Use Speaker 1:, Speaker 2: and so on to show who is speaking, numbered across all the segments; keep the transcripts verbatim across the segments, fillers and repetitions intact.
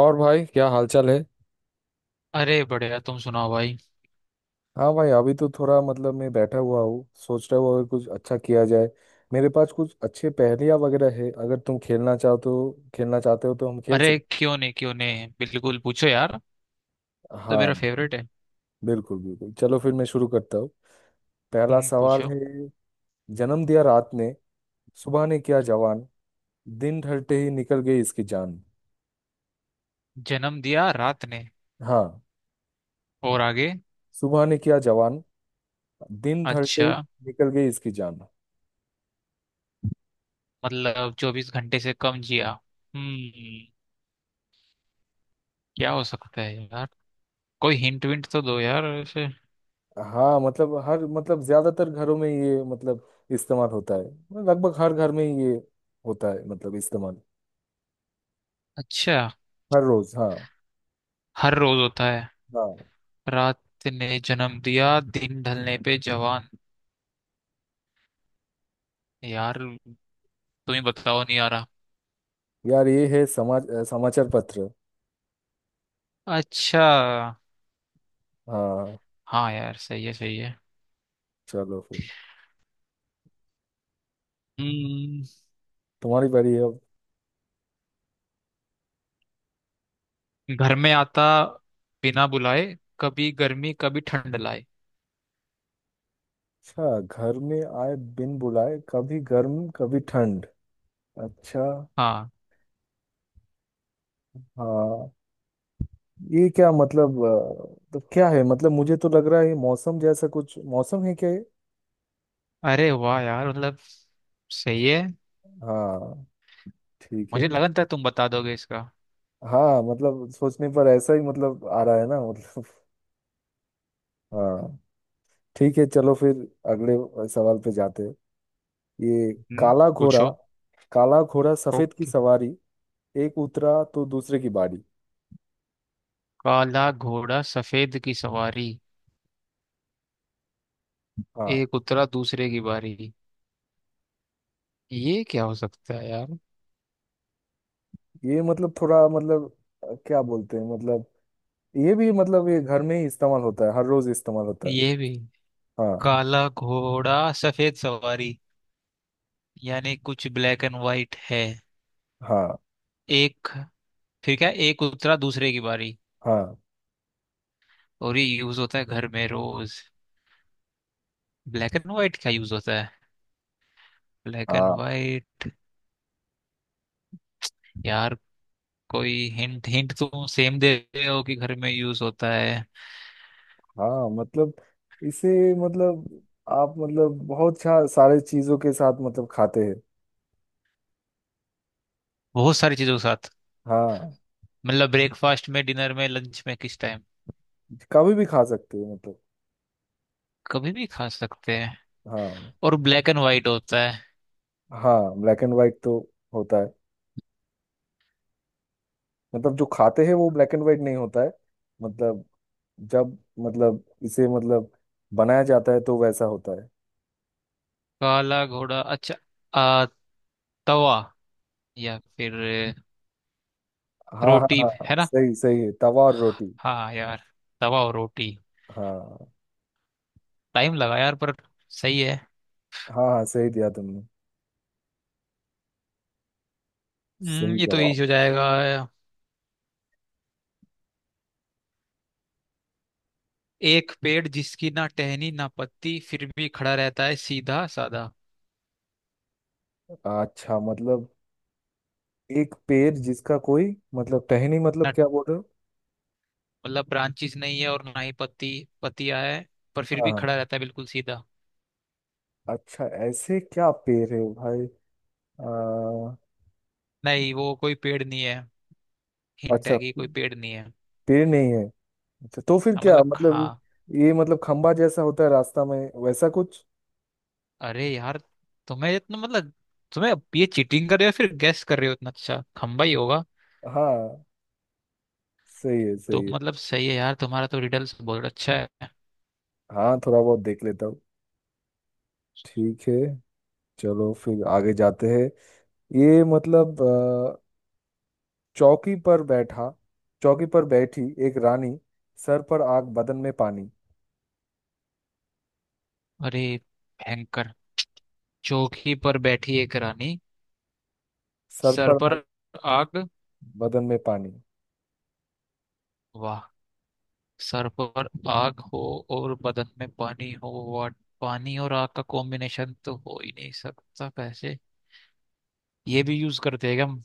Speaker 1: और भाई, क्या हालचाल है।
Speaker 2: अरे बढ़िया तुम सुनाओ भाई।
Speaker 1: हाँ भाई, अभी तो थोड़ा मतलब मैं बैठा हुआ हूँ, सोच रहा हूँ अगर कुछ अच्छा किया जाए। मेरे पास कुछ अच्छे पहेलियाँ वगैरह है, अगर तुम खेलना चाहो तो खेलना चाहते हो तो हम खेल
Speaker 2: अरे
Speaker 1: सकते।
Speaker 2: क्यों नहीं क्यों नहीं बिल्कुल पूछो यार। तो मेरा
Speaker 1: हाँ,
Speaker 2: फेवरेट है।
Speaker 1: बिल्कुल बिल्कुल, चलो फिर मैं शुरू करता हूँ। पहला
Speaker 2: हम्म,
Speaker 1: सवाल
Speaker 2: पूछो।
Speaker 1: है। जन्म दिया रात ने, सुबह ने किया जवान, दिन ढलते ही निकल गई इसकी जान।
Speaker 2: जन्म दिया रात ने।
Speaker 1: हाँ।
Speaker 2: और आगे।
Speaker 1: सुबह ने किया जवान, दिन ढलते
Speaker 2: अच्छा।
Speaker 1: ही निकल गई इसकी जान।
Speaker 2: मतलब चौबीस घंटे से कम जिया। हम्म क्या हो सकता है यार। कोई हिंट विंट तो दो यार ऐसे।
Speaker 1: हाँ, मतलब हर मतलब, ज्यादातर घरों में ये मतलब इस्तेमाल होता है। लगभग हर घर में ये होता है मतलब इस्तेमाल।
Speaker 2: अच्छा।
Speaker 1: हर रोज। हाँ।
Speaker 2: हर रोज होता है।
Speaker 1: हाँ
Speaker 2: रात ने जन्म दिया दिन ढलने पे जवान। यार तुम ही बताओ नहीं आ रहा।
Speaker 1: यार, ये है समाज, अ, समाचार पत्र।
Speaker 2: अच्छा।
Speaker 1: हाँ,
Speaker 2: हाँ यार सही है सही है।
Speaker 1: चलो फिर।
Speaker 2: हम्म।
Speaker 1: तुम्हारी बारी है अब।
Speaker 2: घर में आता बिना बुलाए कभी गर्मी कभी ठंड लाए।
Speaker 1: अच्छा, घर में आए बिन बुलाए, कभी गर्म कभी ठंड। अच्छा।
Speaker 2: हाँ।
Speaker 1: हाँ। ये क्या मतलब अ, तो क्या है मतलब, मुझे तो लग रहा है ये मौसम जैसा कुछ, मौसम है क्या ये?
Speaker 2: अरे वाह यार मतलब सही है।
Speaker 1: हाँ, ठीक है।
Speaker 2: मुझे लगा था तुम बता दोगे इसका।
Speaker 1: हाँ, मतलब सोचने पर ऐसा ही मतलब आ रहा है ना, मतलब। हाँ। ठीक है, चलो फिर अगले सवाल पे जाते हैं। ये
Speaker 2: हम्म,
Speaker 1: काला घोड़ा।
Speaker 2: पूछो।
Speaker 1: काला घोड़ा सफेद की
Speaker 2: ओके।
Speaker 1: सवारी, एक उतरा तो दूसरे की बारी।
Speaker 2: काला घोड़ा सफेद की सवारी
Speaker 1: हाँ,
Speaker 2: एक उतरा दूसरे की बारी। ये क्या हो सकता है यार।
Speaker 1: ये मतलब थोड़ा मतलब अ, क्या बोलते हैं मतलब। ये भी मतलब, ये घर में ही इस्तेमाल होता है, हर रोज इस्तेमाल होता है।
Speaker 2: ये भी।
Speaker 1: हाँ,
Speaker 2: काला घोड़ा सफेद सवारी यानी कुछ ब्लैक एंड वाइट है।
Speaker 1: हाँ,
Speaker 2: एक फिर क्या एक उतरा दूसरे की बारी।
Speaker 1: हाँ,
Speaker 2: और ये यूज होता है घर में रोज। ब्लैक एंड वाइट क्या यूज होता है। ब्लैक एंड
Speaker 1: हाँ।
Speaker 2: व्हाइट। यार कोई हिंट हिंट तुम सेम दे रहे हो कि घर में यूज होता है।
Speaker 1: हाँ, मतलब इसे मतलब, आप मतलब बहुत सा- सारे चीजों के साथ मतलब खाते हैं।
Speaker 2: बहुत सारी चीजों के साथ।
Speaker 1: हाँ,
Speaker 2: मतलब ब्रेकफास्ट में डिनर में लंच में किस टाइम।
Speaker 1: कभी भी खा सकते हो मतलब।
Speaker 2: कभी भी खा सकते हैं।
Speaker 1: हाँ।
Speaker 2: और ब्लैक एंड व्हाइट होता है।
Speaker 1: हाँ, ब्लैक एंड वाइट तो होता है। मतलब जो खाते हैं वो ब्लैक एंड वाइट नहीं होता है। मतलब जब मतलब इसे मतलब बनाया जाता है तो वैसा होता है।
Speaker 2: काला घोड़ा अच्छा। आ, तवा या फिर अ,
Speaker 1: हाँ, हाँ,
Speaker 2: रोटी
Speaker 1: हाँ, हाँ,
Speaker 2: है ना।
Speaker 1: सही सही है, तवा और रोटी।
Speaker 2: हाँ यार तवा और रोटी।
Speaker 1: हाँ।
Speaker 2: टाइम लगा यार पर सही है।
Speaker 1: हाँ, हाँ, सही दिया तुमने।
Speaker 2: हम्म,
Speaker 1: सही
Speaker 2: ये तो
Speaker 1: जवाब।
Speaker 2: इजी हो जाएगा। एक पेड़ जिसकी ना टहनी ना पत्ती फिर भी खड़ा रहता है सीधा साधा।
Speaker 1: अच्छा, मतलब एक पेड़ जिसका कोई मतलब टहनी, मतलब क्या बोल रहे हो?
Speaker 2: मतलब ब्रांचेस नहीं है और ना ही पत्ती पत्तियां है पर फिर
Speaker 1: हाँ,
Speaker 2: भी
Speaker 1: हाँ।
Speaker 2: खड़ा रहता है बिल्कुल सीधा।
Speaker 1: अच्छा, ऐसे क्या पेड़ है भाई? आ,
Speaker 2: नहीं वो कोई पेड़ नहीं है। हिंट है
Speaker 1: अच्छा,
Speaker 2: कि कोई पेड़ नहीं है।
Speaker 1: पेड़ नहीं है। अच्छा, तो फिर
Speaker 2: हाँ,
Speaker 1: क्या
Speaker 2: मतलब
Speaker 1: मतलब?
Speaker 2: हाँ।
Speaker 1: ये मतलब खंबा जैसा होता है रास्ता में, वैसा कुछ।
Speaker 2: अरे यार तुम्हें इतना मतलब तुम्हें अब ये चीटिंग कर रहे हो या फिर गेस कर रहे हो इतना अच्छा खंबा ही होगा।
Speaker 1: हाँ, सही है,
Speaker 2: तो
Speaker 1: सही है।
Speaker 2: मतलब सही है यार तुम्हारा तो रिडल्स बहुत अच्छा है।
Speaker 1: हाँ, थोड़ा बहुत देख लेता हूँ। ठीक है, चलो फिर आगे जाते हैं। ये मतलब अ, चौकी पर बैठा, चौकी पर बैठी एक रानी, सर पर आग बदन में पानी।
Speaker 2: अरे भयंकर। चौकी पर बैठी एक रानी
Speaker 1: सर
Speaker 2: सर
Speaker 1: पर
Speaker 2: पर
Speaker 1: आग,
Speaker 2: आग।
Speaker 1: बदन में पानी।
Speaker 2: वाह। सर पर आग हो और बदन में पानी हो वाट। पानी और आग का कॉम्बिनेशन तो हो ही नहीं सकता कैसे। ये भी यूज करते हैं क्या हम।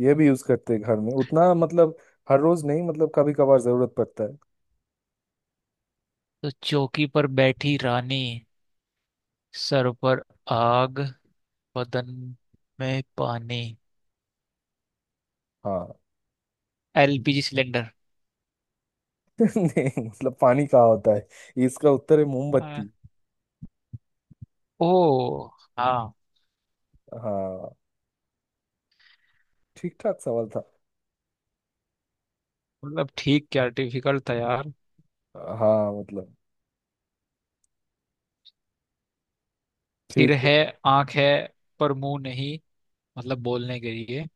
Speaker 1: ये भी यूज करते हैं घर में, उतना मतलब हर रोज नहीं, मतलब कभी कभार जरूरत पड़ता है।
Speaker 2: तो चौकी पर बैठी रानी सर पर आग बदन में पानी।
Speaker 1: हाँ।
Speaker 2: L P G cylinder.
Speaker 1: नहीं, मतलब पानी कहाँ होता है? इसका उत्तर है
Speaker 2: आ,
Speaker 1: मोमबत्ती।
Speaker 2: ओ हाँ।
Speaker 1: हाँ, ठीक ठाक सवाल था।
Speaker 2: मतलब ठीक क्या डिफिकल्ट था यार।
Speaker 1: हाँ, मतलब
Speaker 2: सिर
Speaker 1: ठीक है।
Speaker 2: है आंख है पर मुंह नहीं मतलब बोलने के लिए।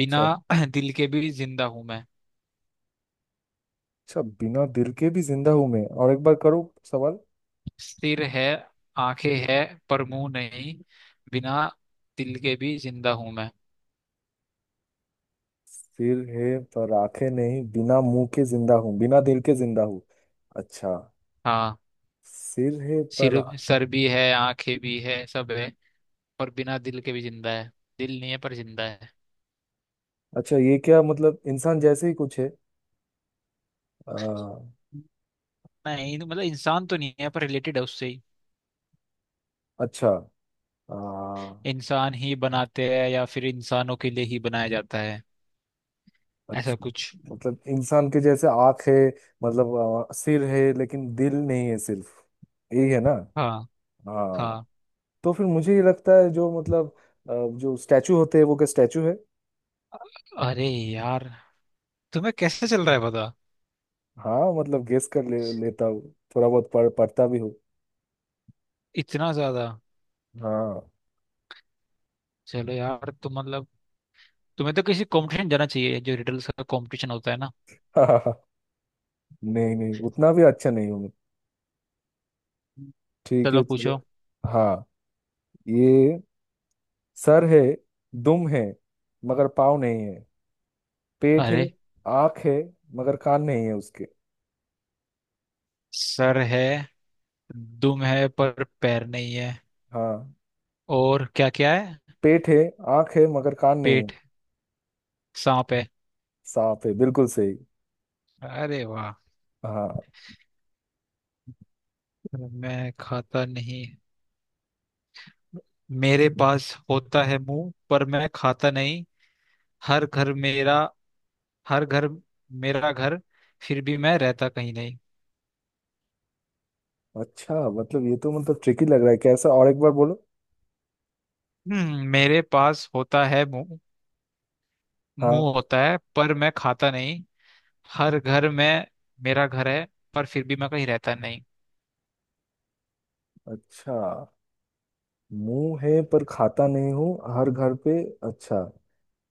Speaker 2: बिना दिल के भी जिंदा हूं मैं।
Speaker 1: अच्छा बिना दिल के भी जिंदा हूं मैं, और एक बार करो सवाल।
Speaker 2: सिर है आंखें है पर मुंह नहीं बिना दिल के भी जिंदा हूं मैं।
Speaker 1: सिर है पर आंखें नहीं, बिना मुंह के जिंदा हूँ, बिना दिल के जिंदा हूँ। अच्छा।
Speaker 2: हाँ।
Speaker 1: सिर है
Speaker 2: सिर
Speaker 1: पर आंख-।
Speaker 2: सर भी है आंखें भी है सब है पर बिना दिल के भी जिंदा है। दिल नहीं है पर जिंदा है।
Speaker 1: अच्छा, ये क्या मतलब इंसान जैसे ही कुछ है? आ,
Speaker 2: नहीं तो मतलब इंसान तो नहीं है पर रिलेटेड है उससे ही।
Speaker 1: अच्छा। आ,
Speaker 2: इंसान ही बनाते हैं या फिर इंसानों के लिए ही बनाया जाता है ऐसा
Speaker 1: अच्छा,
Speaker 2: कुछ।
Speaker 1: मतलब इंसान के जैसे आंख है मतलब, आ, सिर है लेकिन दिल नहीं है सिर्फ, यही है ना?
Speaker 2: हाँ
Speaker 1: हाँ।
Speaker 2: हाँ।
Speaker 1: तो फिर मुझे ये लगता है जो मतलब अ, जो स्टैचू होते हैं, वो क्या स्टैचू है?
Speaker 2: अरे यार तुम्हें कैसे चल रहा है पता।
Speaker 1: हाँ, मतलब गेस कर ले, लेता हूँ, थोड़ा बहुत पढ़ पढ़ता भी हूँ।
Speaker 2: इतना ज्यादा।
Speaker 1: हाँ।
Speaker 2: चलो यार तुम मतलब तुम्हें तो किसी कंपटीशन जाना चाहिए जो रिडल्स का कंपटीशन होता है ना।
Speaker 1: नहीं, नहीं उतना भी अच्छा नहीं हूँ मैं। ठीक है,
Speaker 2: चलो
Speaker 1: चलो।
Speaker 2: पूछो।
Speaker 1: हाँ। ये सर है, दुम है मगर पाँव नहीं है, पेट है,
Speaker 2: अरे।
Speaker 1: आँख है मगर कान नहीं है उसके।
Speaker 2: सर है दुम है पर पैर नहीं है।
Speaker 1: हाँ।
Speaker 2: और क्या क्या है।
Speaker 1: पेट है, आँख है मगर कान नहीं है।
Speaker 2: पेट। सांप है।
Speaker 1: सांप है, बिल्कुल सही।
Speaker 2: अरे वाह।
Speaker 1: हाँ।
Speaker 2: मैं खाता नहीं। मेरे पास होता है मुंह पर मैं खाता नहीं। हर घर मेरा हर घर मेरा घर फिर भी मैं रहता कहीं नहीं।
Speaker 1: अच्छा, मतलब ये तो मतलब ट्रिकी लग रहा है, कैसा? और एक बार बोलो।
Speaker 2: हम्म मेरे पास होता है मुंह।
Speaker 1: हाँ।
Speaker 2: मुंह होता है पर मैं खाता नहीं। हर घर में मेरा घर है पर फिर भी मैं कहीं रहता नहीं।
Speaker 1: अच्छा, मुंह है पर खाता नहीं हूँ, हर घर पे। अच्छा,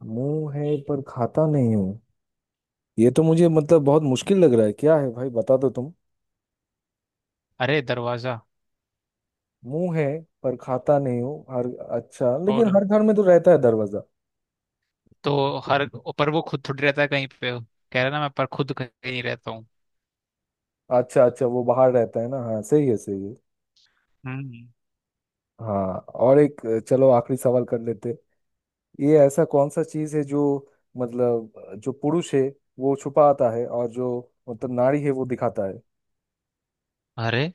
Speaker 1: मुंह है पर खाता नहीं हूँ। ये तो मुझे मतलब बहुत मुश्किल लग रहा है, क्या है भाई, बता दो तुम।
Speaker 2: अरे दरवाजा।
Speaker 1: मुंह है पर खाता नहीं हूँ हर। अच्छा, लेकिन
Speaker 2: और
Speaker 1: हर घर में तो रहता है दरवाजा।
Speaker 2: तो हर पर वो खुद थोड़ी रहता है कहीं पे। कह रहा ना मैं पर खुद कहीं नहीं रहता हूँ।
Speaker 1: अच्छा, अच्छा वो बाहर रहता है ना। हाँ, सही है, सही है।
Speaker 2: हम्म।
Speaker 1: हाँ। और एक, चलो आखिरी सवाल कर लेते। ये ऐसा कौन सा चीज है जो मतलब जो पुरुष है वो छुपाता है, और जो मतलब नारी है वो दिखाता है?
Speaker 2: अरे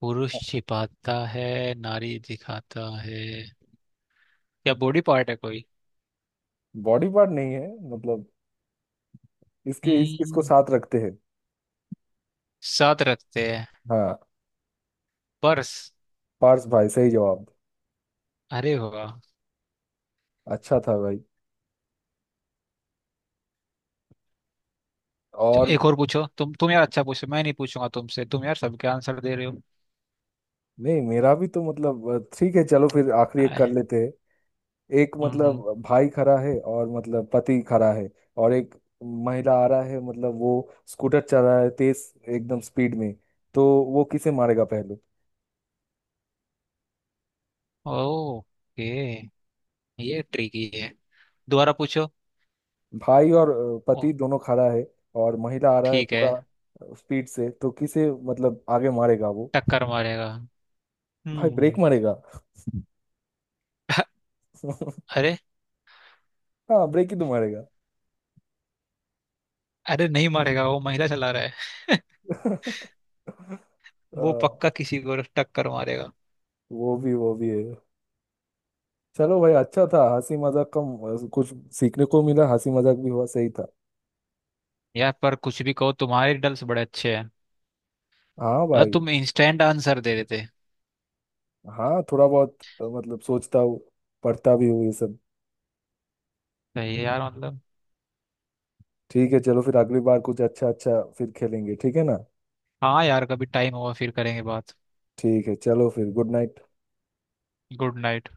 Speaker 2: पुरुष छिपाता है नारी दिखाता है क्या बॉडी पार्ट है कोई।
Speaker 1: बॉडी पार्ट नहीं है। मतलब इसके इस, इसको
Speaker 2: हम्म
Speaker 1: साथ रखते हैं।
Speaker 2: साथ रखते हैं।
Speaker 1: हाँ।
Speaker 2: पर्स।
Speaker 1: पार्स भाई, सही जवाब।
Speaker 2: अरे वाह।
Speaker 1: अच्छा था भाई।
Speaker 2: चलो,
Speaker 1: और।
Speaker 2: एक और पूछो तुम तुम यार अच्छा पूछो मैं नहीं पूछूंगा तुमसे तुम यार सबके आंसर दे रहे हो।
Speaker 1: नहीं, मेरा भी तो मतलब अ, ठीक है, चलो फिर आखिरी एक कर
Speaker 2: आए,
Speaker 1: लेते हैं। एक
Speaker 2: हम्म हम्म
Speaker 1: मतलब भाई खड़ा है और मतलब पति खड़ा है। और एक महिला आ रहा है, मतलब वो स्कूटर चला रहा है तेज एकदम स्पीड में। तो वो किसे मारेगा पहले?
Speaker 2: ओके। ये ट्रिकी है दोबारा पूछो।
Speaker 1: भाई और अ,
Speaker 2: ओ
Speaker 1: पति दोनों खड़ा है। और महिला आ रहा है
Speaker 2: ठीक है।
Speaker 1: पूरा स्पीड से, तो किसे मतलब आगे मारेगा वो?
Speaker 2: टक्कर मारेगा।
Speaker 1: भाई, ब्रेक
Speaker 2: हम्म।
Speaker 1: मारेगा।
Speaker 2: अरे।
Speaker 1: हाँ, ब्रेक ही तो मारेगा।
Speaker 2: अरे नहीं मारेगा वो महिला चला रहा है। वो पक्का
Speaker 1: आ,
Speaker 2: किसी को टक्कर मारेगा।
Speaker 1: वो भी, वो भी है। चलो भाई, अच्छा था, हंसी मजाक कम कुछ सीखने को मिला, हंसी मजाक भी हुआ, सही था।
Speaker 2: यार पर कुछ भी कहो तुम्हारे रिडल्स बड़े अच्छे हैं।
Speaker 1: हाँ
Speaker 2: मतलब
Speaker 1: भाई।
Speaker 2: तुम इंस्टेंट आंसर दे देते।
Speaker 1: हाँ, थोड़ा बहुत अ, मतलब सोचता हूँ, पढ़ता भी हूँ ये सब।
Speaker 2: सही है यार मतलब।
Speaker 1: ठीक है, चलो फिर अगली बार कुछ अच्छा अच्छा फिर खेलेंगे, ठीक है ना?
Speaker 2: हाँ यार कभी टाइम होगा फिर करेंगे बात।
Speaker 1: ठीक है, चलो फिर, गुड नाइट।
Speaker 2: Good night.